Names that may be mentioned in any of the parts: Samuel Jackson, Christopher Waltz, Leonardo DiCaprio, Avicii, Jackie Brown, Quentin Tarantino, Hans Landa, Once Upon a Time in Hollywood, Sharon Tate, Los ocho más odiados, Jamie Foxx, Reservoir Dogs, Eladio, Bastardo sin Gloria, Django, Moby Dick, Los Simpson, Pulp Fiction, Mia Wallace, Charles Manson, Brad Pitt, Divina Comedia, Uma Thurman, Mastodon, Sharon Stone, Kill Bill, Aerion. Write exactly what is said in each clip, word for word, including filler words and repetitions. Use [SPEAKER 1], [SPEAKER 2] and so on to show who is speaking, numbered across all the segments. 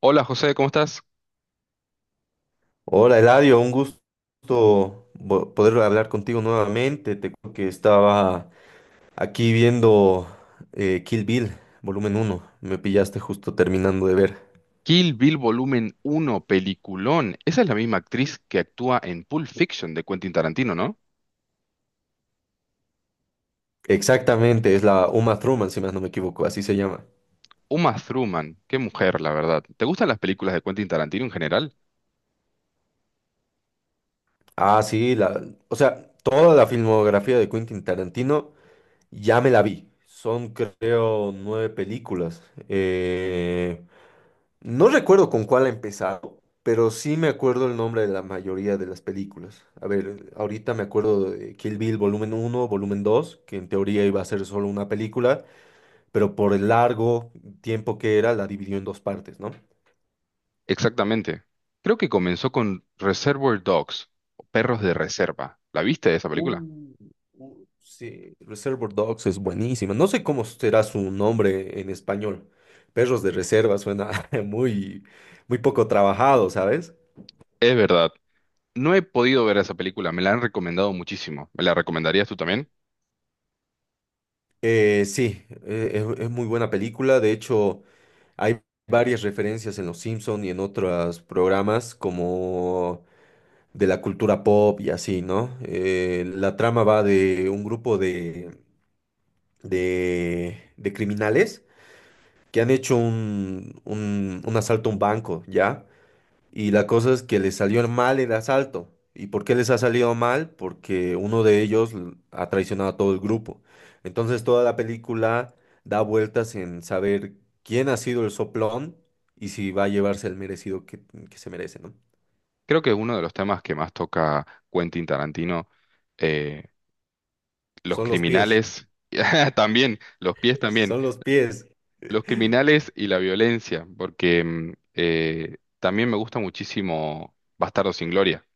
[SPEAKER 1] Hola José, ¿cómo estás?
[SPEAKER 2] Hola Eladio, un gusto vo- poder hablar contigo nuevamente. Te cuento que estaba aquí viendo eh, Kill Bill, volumen uno. Me pillaste justo terminando de ver.
[SPEAKER 1] Kill Bill Volumen uno, peliculón. Esa es la misma actriz que actúa en Pulp Fiction de Quentin Tarantino, ¿no?
[SPEAKER 2] Exactamente, es la Uma Thurman, si más no me equivoco, así se llama.
[SPEAKER 1] Uma Thurman, qué mujer, la verdad. ¿Te gustan las películas de Quentin Tarantino en general?
[SPEAKER 2] Ah, sí, la, o sea, toda la filmografía de Quentin Tarantino ya me la vi. Son, creo, nueve películas. Eh, No recuerdo con cuál ha empezado, pero sí me acuerdo el nombre de la mayoría de las películas. A ver, ahorita me acuerdo de Kill Bill volumen uno, volumen dos, que en teoría iba a ser solo una película, pero por el largo tiempo que era la dividió en dos partes, ¿no?
[SPEAKER 1] Exactamente. Creo que comenzó con Reservoir Dogs, o Perros de Reserva. ¿La viste esa película?
[SPEAKER 2] Uh, Uh, Sí, Reservoir Dogs es buenísima. No sé cómo será su nombre en español. Perros de reserva suena muy, muy poco trabajado, ¿sabes?
[SPEAKER 1] Es verdad. No he podido ver esa película, me la han recomendado muchísimo. ¿Me la recomendarías tú también?
[SPEAKER 2] Eh, sí, eh, es, es muy buena película. De hecho, Hay varias referencias en Los Simpson y en otros programas como de la cultura pop y así, ¿no? Eh, la trama va de un grupo de, de, de criminales que han hecho un, un, un asalto a un banco, ¿ya? Y la cosa es que les salió mal el asalto. ¿Y por qué les ha salido mal? Porque uno de ellos l- ha traicionado a todo el grupo. Entonces toda la película da vueltas en saber quién ha sido el soplón y si va a llevarse el merecido que, que se merece, ¿no?
[SPEAKER 1] Creo que es uno de los temas que más toca Quentin Tarantino. eh, Los
[SPEAKER 2] Son los pies.
[SPEAKER 1] criminales, también, los pies también.
[SPEAKER 2] Son los pies.
[SPEAKER 1] Los criminales y la violencia, porque mm, eh, también me gusta muchísimo Bastardo sin Gloria.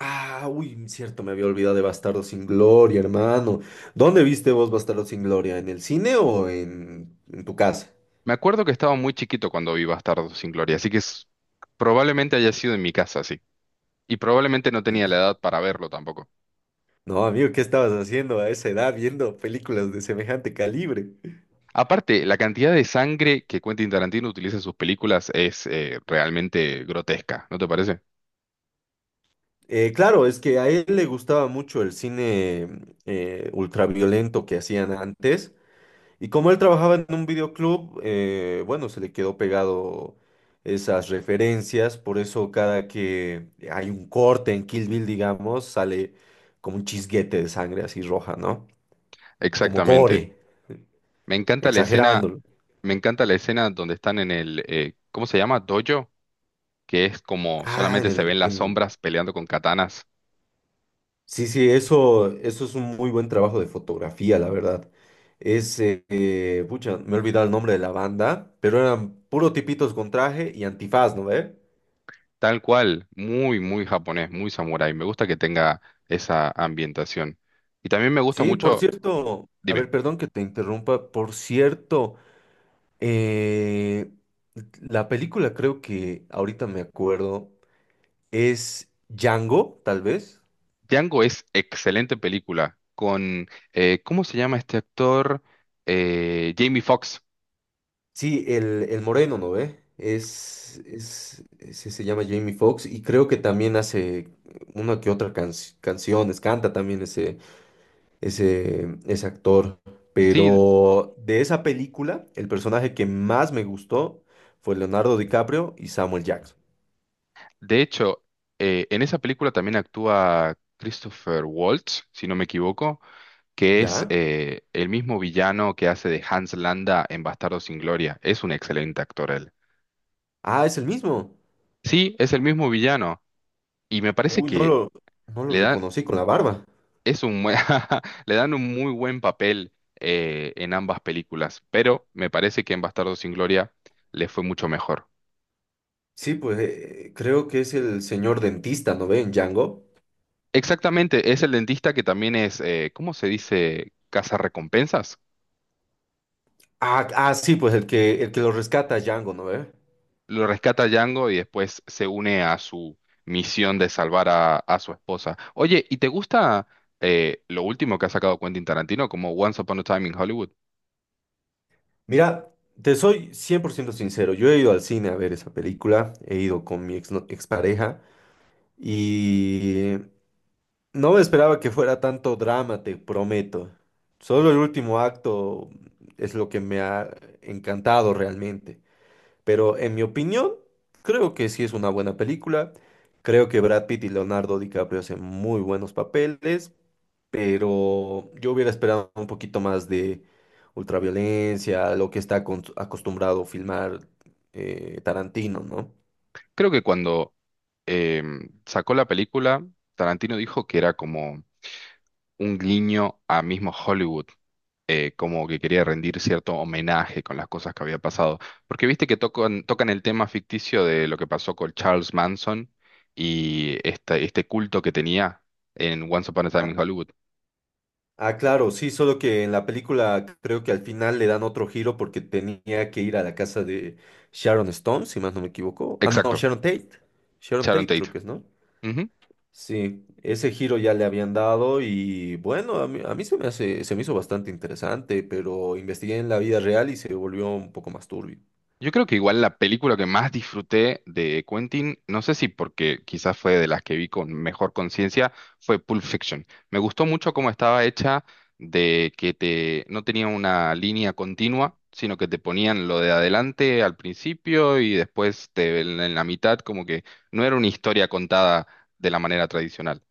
[SPEAKER 2] Ah, uy, cierto, me había olvidado de Bastardo sin Gloria, hermano. ¿Dónde viste vos Bastardo sin Gloria? ¿En el cine o en en tu casa?
[SPEAKER 1] Me acuerdo que estaba muy chiquito cuando vi Bastardo sin Gloria, así que es- probablemente haya sido en mi casa, sí. Y probablemente no tenía la edad para verlo tampoco.
[SPEAKER 2] No, amigo, ¿qué estabas haciendo a esa edad viendo películas de semejante calibre?
[SPEAKER 1] Aparte, la cantidad de sangre que Quentin Tarantino utiliza en sus películas es eh, realmente grotesca, ¿no te parece?
[SPEAKER 2] Eh, claro, es que a él le gustaba mucho el cine eh, ultraviolento que hacían antes. Y como él trabajaba en un videoclub, eh, bueno, se le quedó pegado esas referencias. Por eso cada que hay un corte en Kill Bill, digamos, sale como un chisguete de sangre así roja, ¿no? Como
[SPEAKER 1] Exactamente.
[SPEAKER 2] gore,
[SPEAKER 1] Me encanta la escena.
[SPEAKER 2] exagerándolo.
[SPEAKER 1] Me encanta la escena donde están en el, eh, ¿cómo se llama? Dojo, que es como
[SPEAKER 2] Ah, en
[SPEAKER 1] solamente
[SPEAKER 2] en
[SPEAKER 1] se ven
[SPEAKER 2] el,
[SPEAKER 1] las
[SPEAKER 2] en-
[SPEAKER 1] sombras peleando con katanas.
[SPEAKER 2] Sí, sí, eso, eso es un muy buen trabajo de fotografía, la verdad. Es, eh, eh, pucha, me he olvidado el nombre de la banda, pero eran puro tipitos con traje y antifaz, ¿no ve?
[SPEAKER 1] Tal cual, muy, muy japonés, muy samurái. Me gusta que tenga esa ambientación. Y también me gusta
[SPEAKER 2] Sí, por
[SPEAKER 1] mucho,
[SPEAKER 2] cierto, a
[SPEAKER 1] dime,
[SPEAKER 2] ver, perdón que te interrumpa, por cierto, eh, la película creo que ahorita me acuerdo es Django, tal vez.
[SPEAKER 1] Django es excelente película con, eh, ¿cómo se llama este actor? Eh, Jamie Foxx.
[SPEAKER 2] Sí, el, el moreno, ¿no ve? Es, es, ese se llama Jamie Foxx y creo que también hace una que otra can- canciones, canta también ese, ese, ese actor.
[SPEAKER 1] Sí,
[SPEAKER 2] Pero de esa película, el personaje que más me gustó fue Leonardo DiCaprio y Samuel Jackson.
[SPEAKER 1] de hecho, eh, en esa película también actúa Christopher Waltz, si no me equivoco que es
[SPEAKER 2] ¿Ya?
[SPEAKER 1] eh, el mismo villano que hace de Hans Landa en Bastardos sin Gloria. Es un excelente actor él.
[SPEAKER 2] Ah, es el mismo.
[SPEAKER 1] Sí, es el mismo villano y me parece
[SPEAKER 2] Uy, no
[SPEAKER 1] que
[SPEAKER 2] lo, no lo
[SPEAKER 1] le dan,
[SPEAKER 2] reconocí con la barba.
[SPEAKER 1] es un, buen- le dan un muy buen papel eh, en ambas películas, pero me parece que en Bastardos sin Gloria le fue mucho mejor.
[SPEAKER 2] Sí, pues eh, creo que es el señor dentista, ¿no ve? En Django.
[SPEAKER 1] Exactamente, es el dentista que también es, eh, ¿cómo se dice? Recompensas.
[SPEAKER 2] Ah, ah, sí, pues el que, el que lo rescata a Django, ¿no ve?
[SPEAKER 1] Lo rescata Django y después se une a su misión de salvar a, a su esposa. Oye, ¿y te gusta eh, lo último que ha sacado Quentin Tarantino como Once Upon a Time in Hollywood?
[SPEAKER 2] Mira, te soy cien por ciento sincero. Yo he ido al cine a ver esa película, he ido con mi ex, no, expareja y no me esperaba que fuera tanto drama, te prometo. Solo el último acto es lo que me ha encantado realmente. Pero en mi opinión, creo que sí es una buena película. Creo que Brad Pitt y Leonardo DiCaprio hacen muy buenos papeles, pero yo hubiera esperado un poquito más de ultraviolencia, lo que está acon- acostumbrado filmar eh, Tarantino, ¿no?
[SPEAKER 1] Creo que cuando em, sacó la película, Tarantino dijo que era como un guiño a mismo Hollywood, eh, como que quería rendir cierto homenaje con las cosas que había pasado. Porque viste que tocan, tocan el tema ficticio de lo que pasó con Charles Manson y esta- este culto que tenía en Once Upon a Time
[SPEAKER 2] Ah,
[SPEAKER 1] in Hollywood.
[SPEAKER 2] ah, claro, sí, solo que en la película creo que al final le dan otro giro porque tenía que ir a la casa de Sharon Stone, si más no me equivoco. Ah, no,
[SPEAKER 1] Exacto,
[SPEAKER 2] Sharon Tate. Sharon
[SPEAKER 1] Sharon
[SPEAKER 2] Tate creo
[SPEAKER 1] Tate.
[SPEAKER 2] que es, ¿no?
[SPEAKER 1] Ujú.
[SPEAKER 2] Sí, ese giro ya le habían dado y bueno, a mí, a mí se me hace, se me hizo bastante interesante, pero investigué en la vida real y se volvió un poco más turbio.
[SPEAKER 1] Yo creo que igual la película que más disfruté de Quentin, no sé si porque quizás fue de las que vi con mejor conciencia, fue Pulp Fiction. Me gustó mucho cómo estaba hecha, de que te no tenía una línea continua, sino que te ponían lo de adelante al principio y después te- en en la mitad, como que no era una historia contada de la manera tradicional.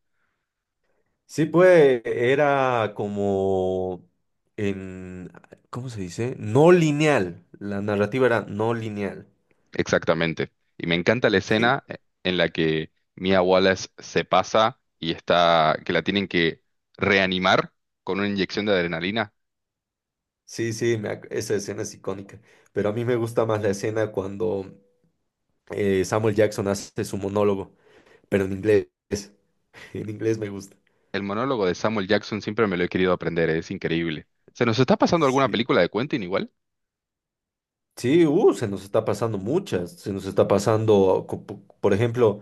[SPEAKER 2] Sí, pues era como En, ¿cómo se dice? No lineal. La narrativa era no lineal.
[SPEAKER 1] Exactamente. Y me encanta la
[SPEAKER 2] Sí,
[SPEAKER 1] escena eh, en la que Mia Wallace se pasa y está, que la tienen que reanimar con una inyección de adrenalina.
[SPEAKER 2] sí, sí, me ac- esa escena es icónica. Pero a mí me gusta más la escena cuando eh, Samuel Jackson hace su monólogo, pero en inglés. En inglés me gusta.
[SPEAKER 1] El monólogo de Samuel Jackson siempre me lo he querido aprender, es increíble. ¿Se nos está pasando alguna
[SPEAKER 2] Sí.
[SPEAKER 1] película de Quentin igual?
[SPEAKER 2] Sí, uh, se nos está pasando muchas, se nos está pasando, co- po- por ejemplo,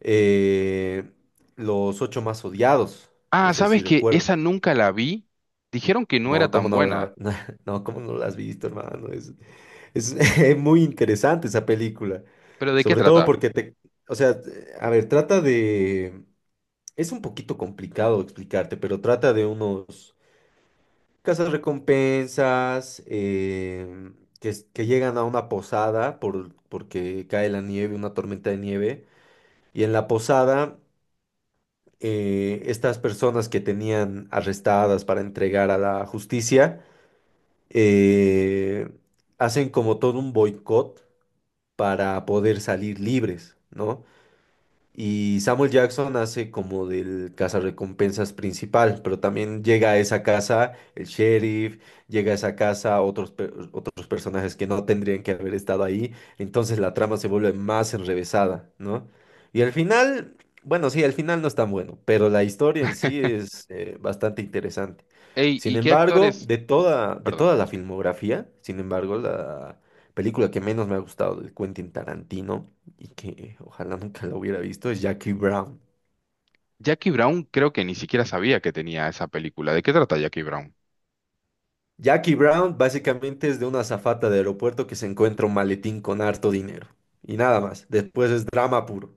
[SPEAKER 2] eh, los ocho más odiados, no
[SPEAKER 1] Ah,
[SPEAKER 2] sé si
[SPEAKER 1] ¿sabes que
[SPEAKER 2] recuerdas.
[SPEAKER 1] esa nunca la vi? Dijeron que no era
[SPEAKER 2] No, cómo
[SPEAKER 1] tan
[SPEAKER 2] no la,
[SPEAKER 1] buena.
[SPEAKER 2] no, cómo no la has visto, hermano. Es, es muy interesante esa película,
[SPEAKER 1] ¿Pero de qué
[SPEAKER 2] sobre todo
[SPEAKER 1] trata?
[SPEAKER 2] porque te, o sea, a ver, trata de, es un poquito complicado explicarte, pero trata de unos Casas recompensas em, que, es- que llegan a una posada por, porque cae la nieve, una tormenta de nieve. Y en la posada, eh, estas personas que tenían arrestadas para entregar a la justicia, eh, hacen como todo un boicot para poder salir libres, ¿no? Y Samuel Jackson hace como del cazarrecompensas principal, pero también llega a esa casa el sheriff, llega a esa casa otros, per- otros personajes que no tendrían que haber estado ahí, entonces la trama se vuelve más enrevesada, ¿no? Y al final, bueno, sí, al final no es tan bueno, pero la historia en sí es eh, bastante interesante.
[SPEAKER 1] Ey,
[SPEAKER 2] Sin
[SPEAKER 1] ¿y qué
[SPEAKER 2] embargo,
[SPEAKER 1] actores?
[SPEAKER 2] de toda, de
[SPEAKER 1] Perdón.
[SPEAKER 2] toda la filmografía, sin embargo, la película que menos me ha gustado de Quentin Tarantino y que ojalá nunca lo hubiera visto, es Jackie Brown.
[SPEAKER 1] Jackie Brown creo que ni siquiera sabía que tenía esa película. ¿De qué trata Jackie Brown?
[SPEAKER 2] Jackie Brown básicamente es de una azafata de aeropuerto que se encuentra un maletín con harto dinero. Y nada más, después es drama puro.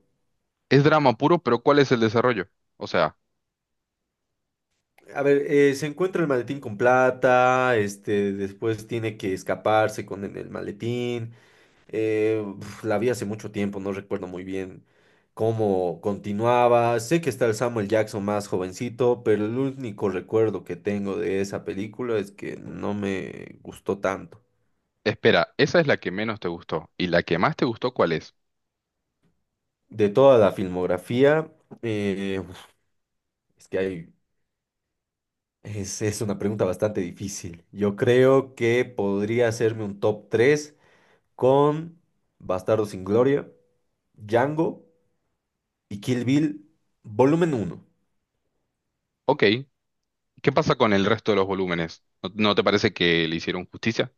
[SPEAKER 1] Es drama puro, pero ¿cuál es el desarrollo? O sea...
[SPEAKER 2] A ver, eh, se encuentra el maletín con plata, este, después tiene que escaparse con el, el maletín. Eh, uf, la vi hace mucho tiempo, no recuerdo muy bien cómo continuaba. Sé que está el Samuel Jackson más jovencito, pero el único recuerdo que tengo de esa película es que no me gustó tanto.
[SPEAKER 1] Espera, esa es la que menos te gustó. ¿Y la que más te gustó cuál es?
[SPEAKER 2] De toda la filmografía, eh, es que hay, es, es una pregunta bastante difícil. Yo creo que podría hacerme un top tres con Bastardo sin Gloria, Django y Kill Bill, volumen uno.
[SPEAKER 1] Ok, ¿qué pasa con el resto de los volúmenes? ¿No, no te parece que le hicieron justicia?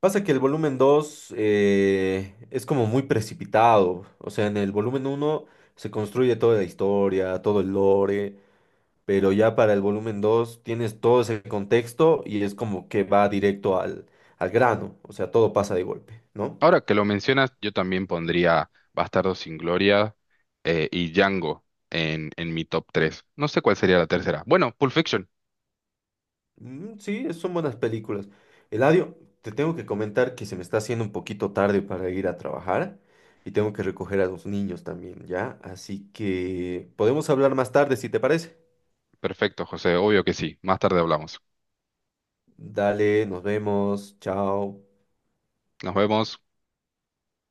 [SPEAKER 2] Pasa que el volumen dos eh, es como muy precipitado. O sea, en el volumen uno se construye toda la historia, todo el lore. Pero ya para el volumen dos tienes todo ese contexto y es como que va directo al, al grano, o sea, todo pasa de golpe, ¿no?
[SPEAKER 1] Ahora que lo mencionas, yo también pondría Bastardo sin Gloria eh, y Django en, en mi top tres. No sé cuál sería la tercera. Bueno, Pulp Fiction.
[SPEAKER 2] Mm, sí, son buenas películas. Eladio, te tengo que comentar que se me está haciendo un poquito tarde para ir a trabajar y tengo que recoger a los niños también, ¿ya? Así que podemos hablar más tarde si te parece.
[SPEAKER 1] Perfecto, José, obvio que sí. Más tarde hablamos.
[SPEAKER 2] Dale, nos vemos, chao.
[SPEAKER 1] Nos vemos.